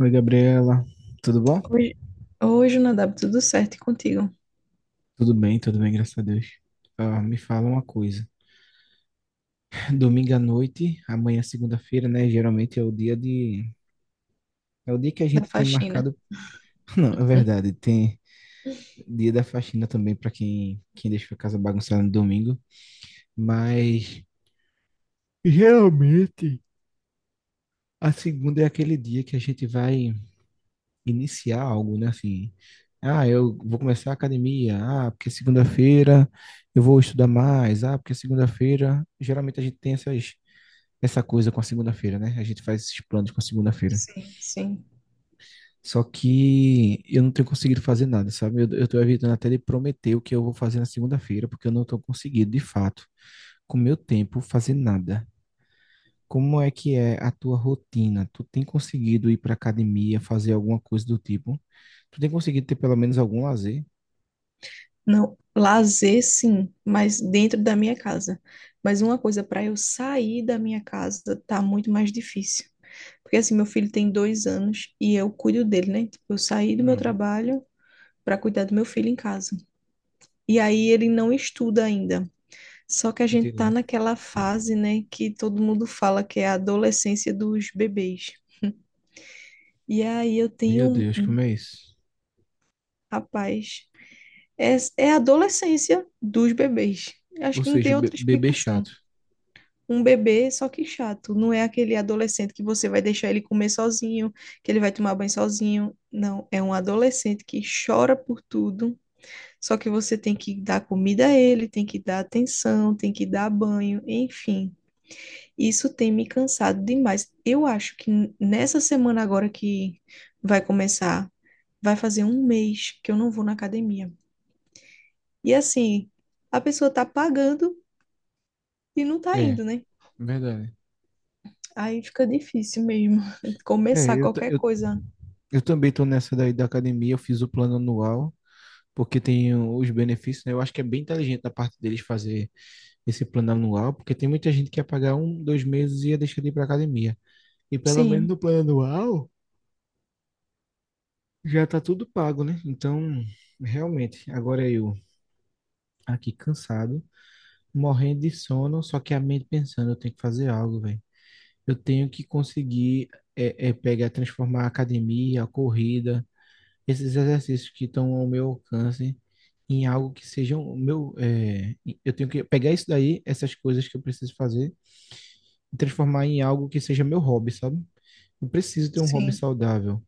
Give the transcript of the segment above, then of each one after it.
Oi, Gabriela. Tudo bom? Hoje, hoje Nadab, tudo certo? E contigo? Tudo bem, graças a Deus. Ah, me fala uma coisa. Domingo à noite, amanhã segunda-feira, né? Geralmente é o dia de. É o dia que a Da gente tem faxina. marcado. Não, é Hum. verdade. Tem dia da faxina também para quem deixa a casa bagunçada no domingo. Mas geralmente a segunda é aquele dia que a gente vai iniciar algo, né? Assim, ah, eu vou começar a academia, ah, porque segunda-feira eu vou estudar mais, ah, porque segunda-feira, geralmente a gente tem essa coisa com a segunda-feira, né? A gente faz esses planos com a segunda-feira. Sim, sim. Só que eu não tenho conseguido fazer nada, sabe? Eu tô evitando até de prometer o que eu vou fazer na segunda-feira, porque eu não tô conseguindo, de fato, com o meu tempo, fazer nada. Como é que é a tua rotina? Tu tem conseguido ir para academia, fazer alguma coisa do tipo? Tu tem conseguido ter pelo menos algum lazer? Não, lazer sim, mas dentro da minha casa. Mas uma coisa, para eu sair da minha casa tá muito mais difícil. Porque assim, meu filho tem dois anos e eu cuido dele, né? Tipo, eu saí do meu Hum, trabalho para cuidar do meu filho em casa. E aí ele não estuda ainda. Só que a gente tá entendi. naquela fase, né, que todo mundo fala que é a adolescência dos bebês. E aí eu tenho Meu Deus, um como é isso? rapaz, é a adolescência dos bebês. Acho Ou que não seja, tem o outra bebê explicação. chato. Um bebê, só que chato. Não é aquele adolescente que você vai deixar ele comer sozinho, que ele vai tomar banho sozinho. Não, é um adolescente que chora por tudo. Só que você tem que dar comida a ele, tem que dar atenção, tem que dar banho, enfim. Isso tem me cansado demais. Eu acho que nessa semana agora que vai começar, vai fazer um mês que eu não vou na academia. E assim, a pessoa tá pagando e não tá É, indo, né? verdade. Aí fica difícil mesmo começar É, qualquer coisa. eu também tô nessa daí da academia, eu fiz o plano anual, porque tem os benefícios, né? Eu acho que é bem inteligente da parte deles fazer esse plano anual, porque tem muita gente que ia pagar um, dois meses e ia deixar de ir pra academia. E pelo menos Sim, no plano anual já tá tudo pago, né? Então, realmente, agora eu aqui cansado, morrendo de sono, só que a mente pensando, eu tenho que fazer algo, velho. Eu tenho que conseguir pegar, transformar a academia, a corrida, esses exercícios que estão ao meu alcance em algo que sejam o meu. Eu tenho que pegar isso daí, essas coisas que eu preciso fazer, e transformar em algo que seja meu hobby, sabe? Eu preciso ter um hobby sim, saudável.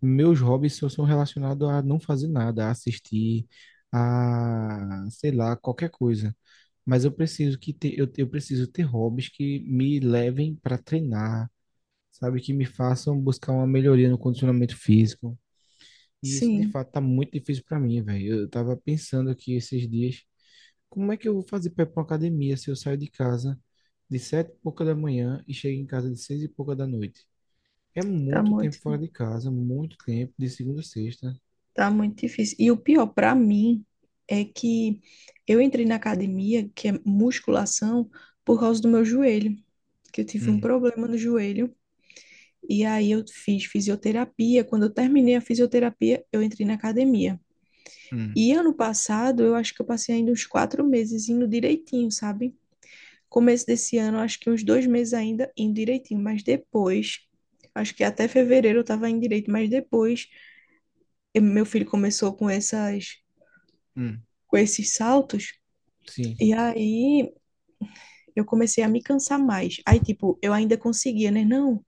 Meus hobbies só são relacionados a não fazer nada, a assistir, a, sei lá, qualquer coisa. Mas eu preciso eu preciso ter hobbies que me levem para treinar sabe, que me façam buscar uma melhoria no condicionamento físico. E isso, de sim. fato, tá muito difícil para mim, velho. Eu tava pensando aqui esses dias, como é que eu vou fazer para ir pra uma academia se eu saio de casa de sete e pouca da manhã e chego em casa de seis e pouca da noite? É Tá muito tempo muito, fora de casa, muito tempo, de segunda a sexta. tá muito difícil. E o pior para mim é que eu entrei na academia, que é musculação, por causa do meu joelho, que eu tive um Hum, problema no joelho. E aí eu fiz fisioterapia. Quando eu terminei a fisioterapia, eu entrei na academia. hum, E ano passado, eu acho que eu passei ainda uns quatro meses indo direitinho, sabe? Começo desse ano, acho que uns dois meses ainda indo direitinho. Mas depois, acho que até fevereiro eu tava indo direito. Mas depois, meu filho começou com hum. com esses saltos. E Sim, aí eu comecei a me cansar mais. Aí, tipo, eu ainda conseguia, né? Não.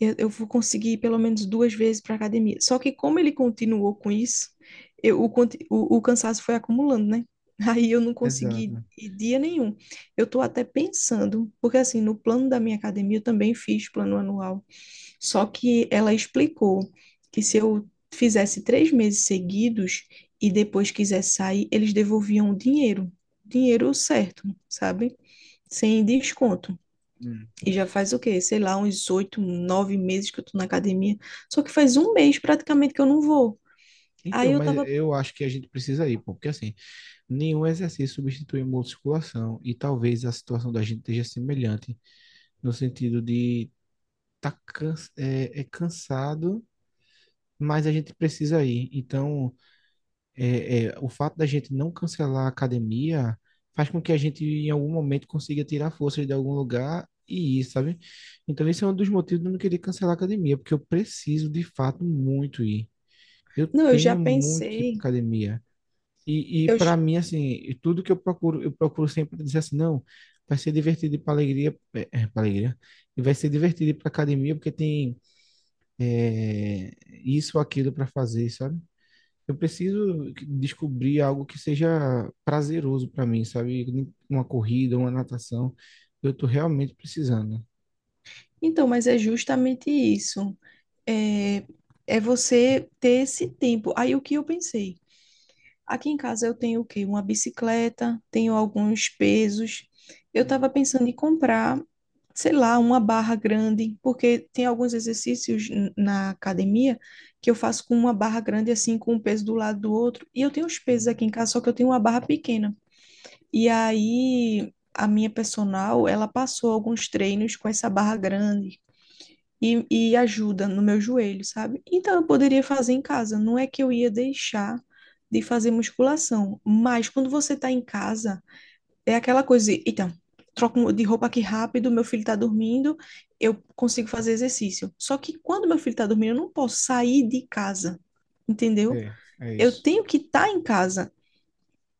Eu vou conseguir ir pelo menos duas vezes para academia. Só que como ele continuou com isso, eu, o, conti- o cansaço foi acumulando, né? Aí eu não consegui exato. ir dia nenhum. Eu tô até pensando, porque assim, no plano da minha academia eu também fiz plano anual. Só que ela explicou que se eu fizesse três meses seguidos e depois quisesse sair, eles devolviam o dinheiro. Dinheiro certo, sabe? Sem desconto. Hum. E já faz o quê? Sei lá, uns oito, nove meses que eu tô na academia. Só que faz um mês praticamente que eu não vou. Aí Então, eu mas tava. eu acho que a gente precisa ir, pô, porque assim, nenhum exercício substitui a musculação e talvez a situação da gente esteja semelhante no sentido de tá cansado, mas a gente precisa ir. Então, o fato da gente não cancelar a academia faz com que a gente, em algum momento, consiga tirar forças de algum lugar e ir, sabe? Então, esse é um dos motivos de eu não querer cancelar a academia, porque eu preciso, de fato, muito ir. Eu Não, eu já tenho muito que ir para pensei. academia. E Eu... ju- para mim, assim, e tudo que eu procuro sempre dizer assim, não, vai ser divertido para alegria, para alegria, e vai ser divertido ir para academia porque tem é, isso ou aquilo para fazer, sabe? Eu preciso descobrir algo que seja prazeroso para mim, sabe? Uma corrida, uma natação, eu tô realmente precisando. Então, mas é justamente isso. É... É você ter esse tempo. Aí o que eu pensei? Aqui em casa eu tenho o quê? Uma bicicleta, tenho alguns pesos. Eu Hum, estava pensando em comprar, sei lá, uma barra grande, porque tem alguns exercícios na academia que eu faço com uma barra grande, assim, com um peso do lado do outro. E eu tenho os pesos hum. aqui em casa, só que eu tenho uma barra pequena. E aí a minha personal, ela passou alguns treinos com essa barra grande, e ajuda no meu joelho, sabe? Então eu poderia fazer em casa. Não é que eu ia deixar de fazer musculação, mas quando você tá em casa, é aquela coisa, de, então, troco de roupa aqui rápido, meu filho tá dormindo, eu consigo fazer exercício. Só que quando meu filho tá dormindo, eu não posso sair de casa, entendeu? É, é Eu isso. tenho que estar tá em casa.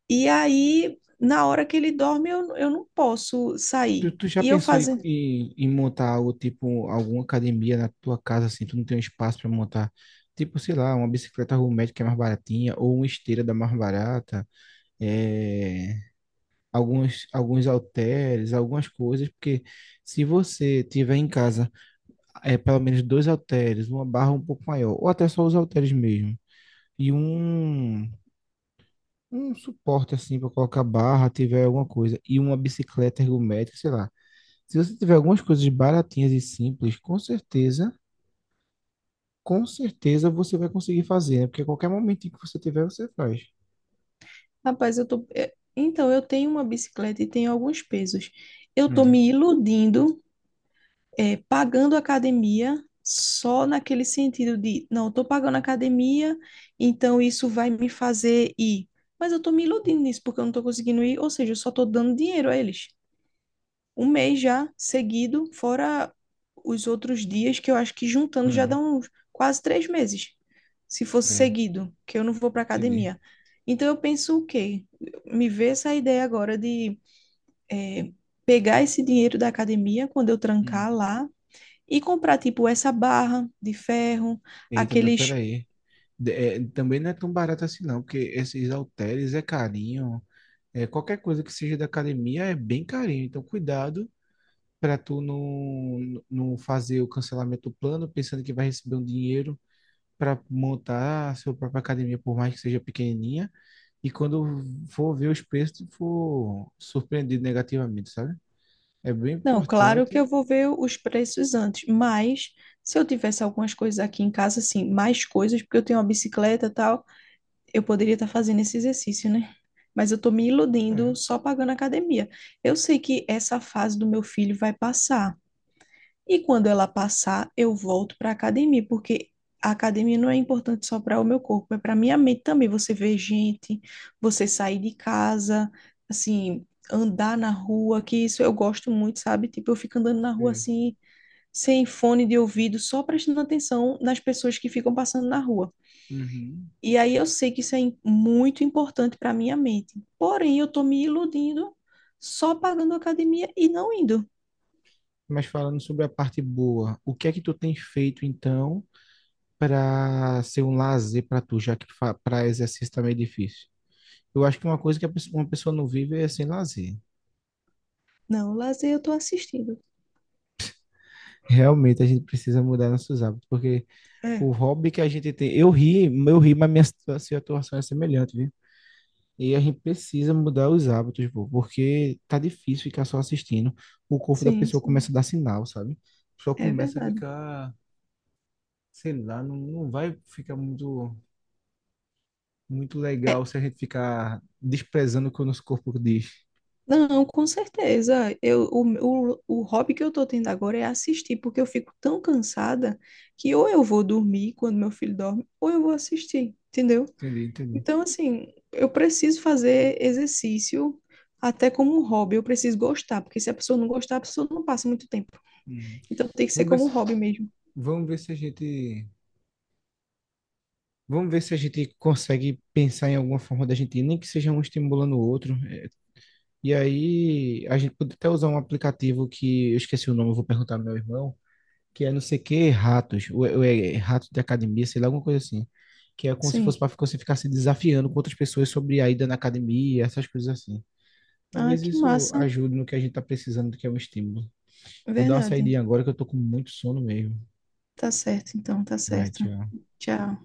E aí, na hora que ele dorme, eu não posso Tu, sair. tu já E eu pensou em, fazer. em montar algo tipo alguma academia na tua casa assim, tu não tem um espaço para montar, tipo, sei lá, uma bicicleta ergométrica que é mais baratinha ou uma esteira da mais barata, é, alguns halteres, algumas coisas, porque se você tiver em casa é pelo menos dois halteres, uma barra um pouco maior, ou até só os halteres mesmo, e um suporte assim para colocar barra, tiver alguma coisa, e uma bicicleta ergométrica, sei lá. Se você tiver algumas coisas baratinhas e simples, com certeza você vai conseguir fazer, né? Porque a qualquer momento que você tiver, você faz. Rapaz, Então, eu tenho uma bicicleta e tenho alguns pesos. Eu tô Hum, me iludindo, pagando academia só naquele sentido de, não, eu tô pagando academia, então isso vai me fazer ir. Mas eu tô me iludindo nisso porque eu não tô conseguindo ir, ou seja, eu só tô dando dinheiro a eles um mês já seguido, fora os outros dias, que eu acho que juntando já hum, dá uns quase três meses, se fosse é, seguido, que eu não vou para entendi. academia. Então eu penso o quê? Me vê essa ideia agora de eh, pegar esse dinheiro da academia quando eu Hum. trancar lá e comprar tipo essa barra de ferro, Eita, mas aqueles. peraí. Também não é tão barato assim, não, porque esses halteres é carinho. É, qualquer coisa que seja da academia é bem carinho. Então, cuidado para tu não fazer o cancelamento do plano, pensando que vai receber um dinheiro para montar a sua própria academia, por mais que seja pequenininha. E quando for ver os preços, for surpreendido negativamente, sabe? É bem Não, claro que importante. eu vou ver os preços antes, mas se eu tivesse algumas coisas aqui em casa, assim, mais coisas, porque eu tenho uma bicicleta e tal, eu poderia estar fazendo esse exercício, né? Mas eu estou me iludindo É, só pagando academia. Eu sei que essa fase do meu filho vai passar. E quando ela passar, eu volto para academia, porque a academia não é importante só para o meu corpo, é para minha mente também. Você vê gente, você sair de casa, assim, andar na rua, que isso eu gosto muito, sabe? Tipo, eu fico andando na rua sei. assim, sem fone de ouvido, só prestando atenção nas pessoas que ficam passando na rua. Uhum. E aí eu sei que isso é muito importante para minha mente. Porém, eu estou me iludindo só pagando academia e não indo. Mas falando sobre a parte boa, o que é que tu tem feito então para ser um lazer para tu, já que para exercício tá meio difícil? Eu acho que uma coisa que uma pessoa não vive é sem lazer. Não, lazer eu estou assistindo. Realmente a gente precisa mudar nossos hábitos, porque É, o hobby que a gente tem, eu ri, mas minha situação é semelhante. E a gente precisa mudar os hábitos, pô, porque tá difícil ficar só assistindo. O corpo da sim, pessoa sim, começa a dar sinal, sabe? Só é começa a verdade. ficar, sei lá, não vai ficar muito, muito É, legal se a gente ficar desprezando o que o nosso corpo diz. não, com certeza. O hobby que eu estou tendo agora é assistir, porque eu fico tão cansada que ou eu vou dormir quando meu filho dorme, ou eu vou assistir, entendeu? Entendi, entendi. Então, assim, eu preciso fazer exercício até como um hobby. Eu preciso gostar, porque se a pessoa não gostar, a pessoa não passa muito tempo. Uhum. Então, tem que ser Vamos ver como um se, hobby mesmo. vamos ver se a gente, Vamos ver se a gente consegue pensar em alguma forma da gente ir, nem que seja um estimulando o outro. É, e aí a gente pode até usar um aplicativo que eu esqueci o nome, eu vou perguntar ao meu irmão que é não sei o que, ratos, ou é rato de academia, sei lá, alguma coisa assim. Que é como se fosse Sim. para você ficar se desafiando com outras pessoas sobre a ida na academia, essas coisas assim. Ah, Talvez que isso massa. ajude no que a gente tá precisando, que é um estímulo. Vou dar uma Verdade. saidinha agora que eu tô com muito sono mesmo. Tá certo, então, tá Vai, certo. tchau. Tchau.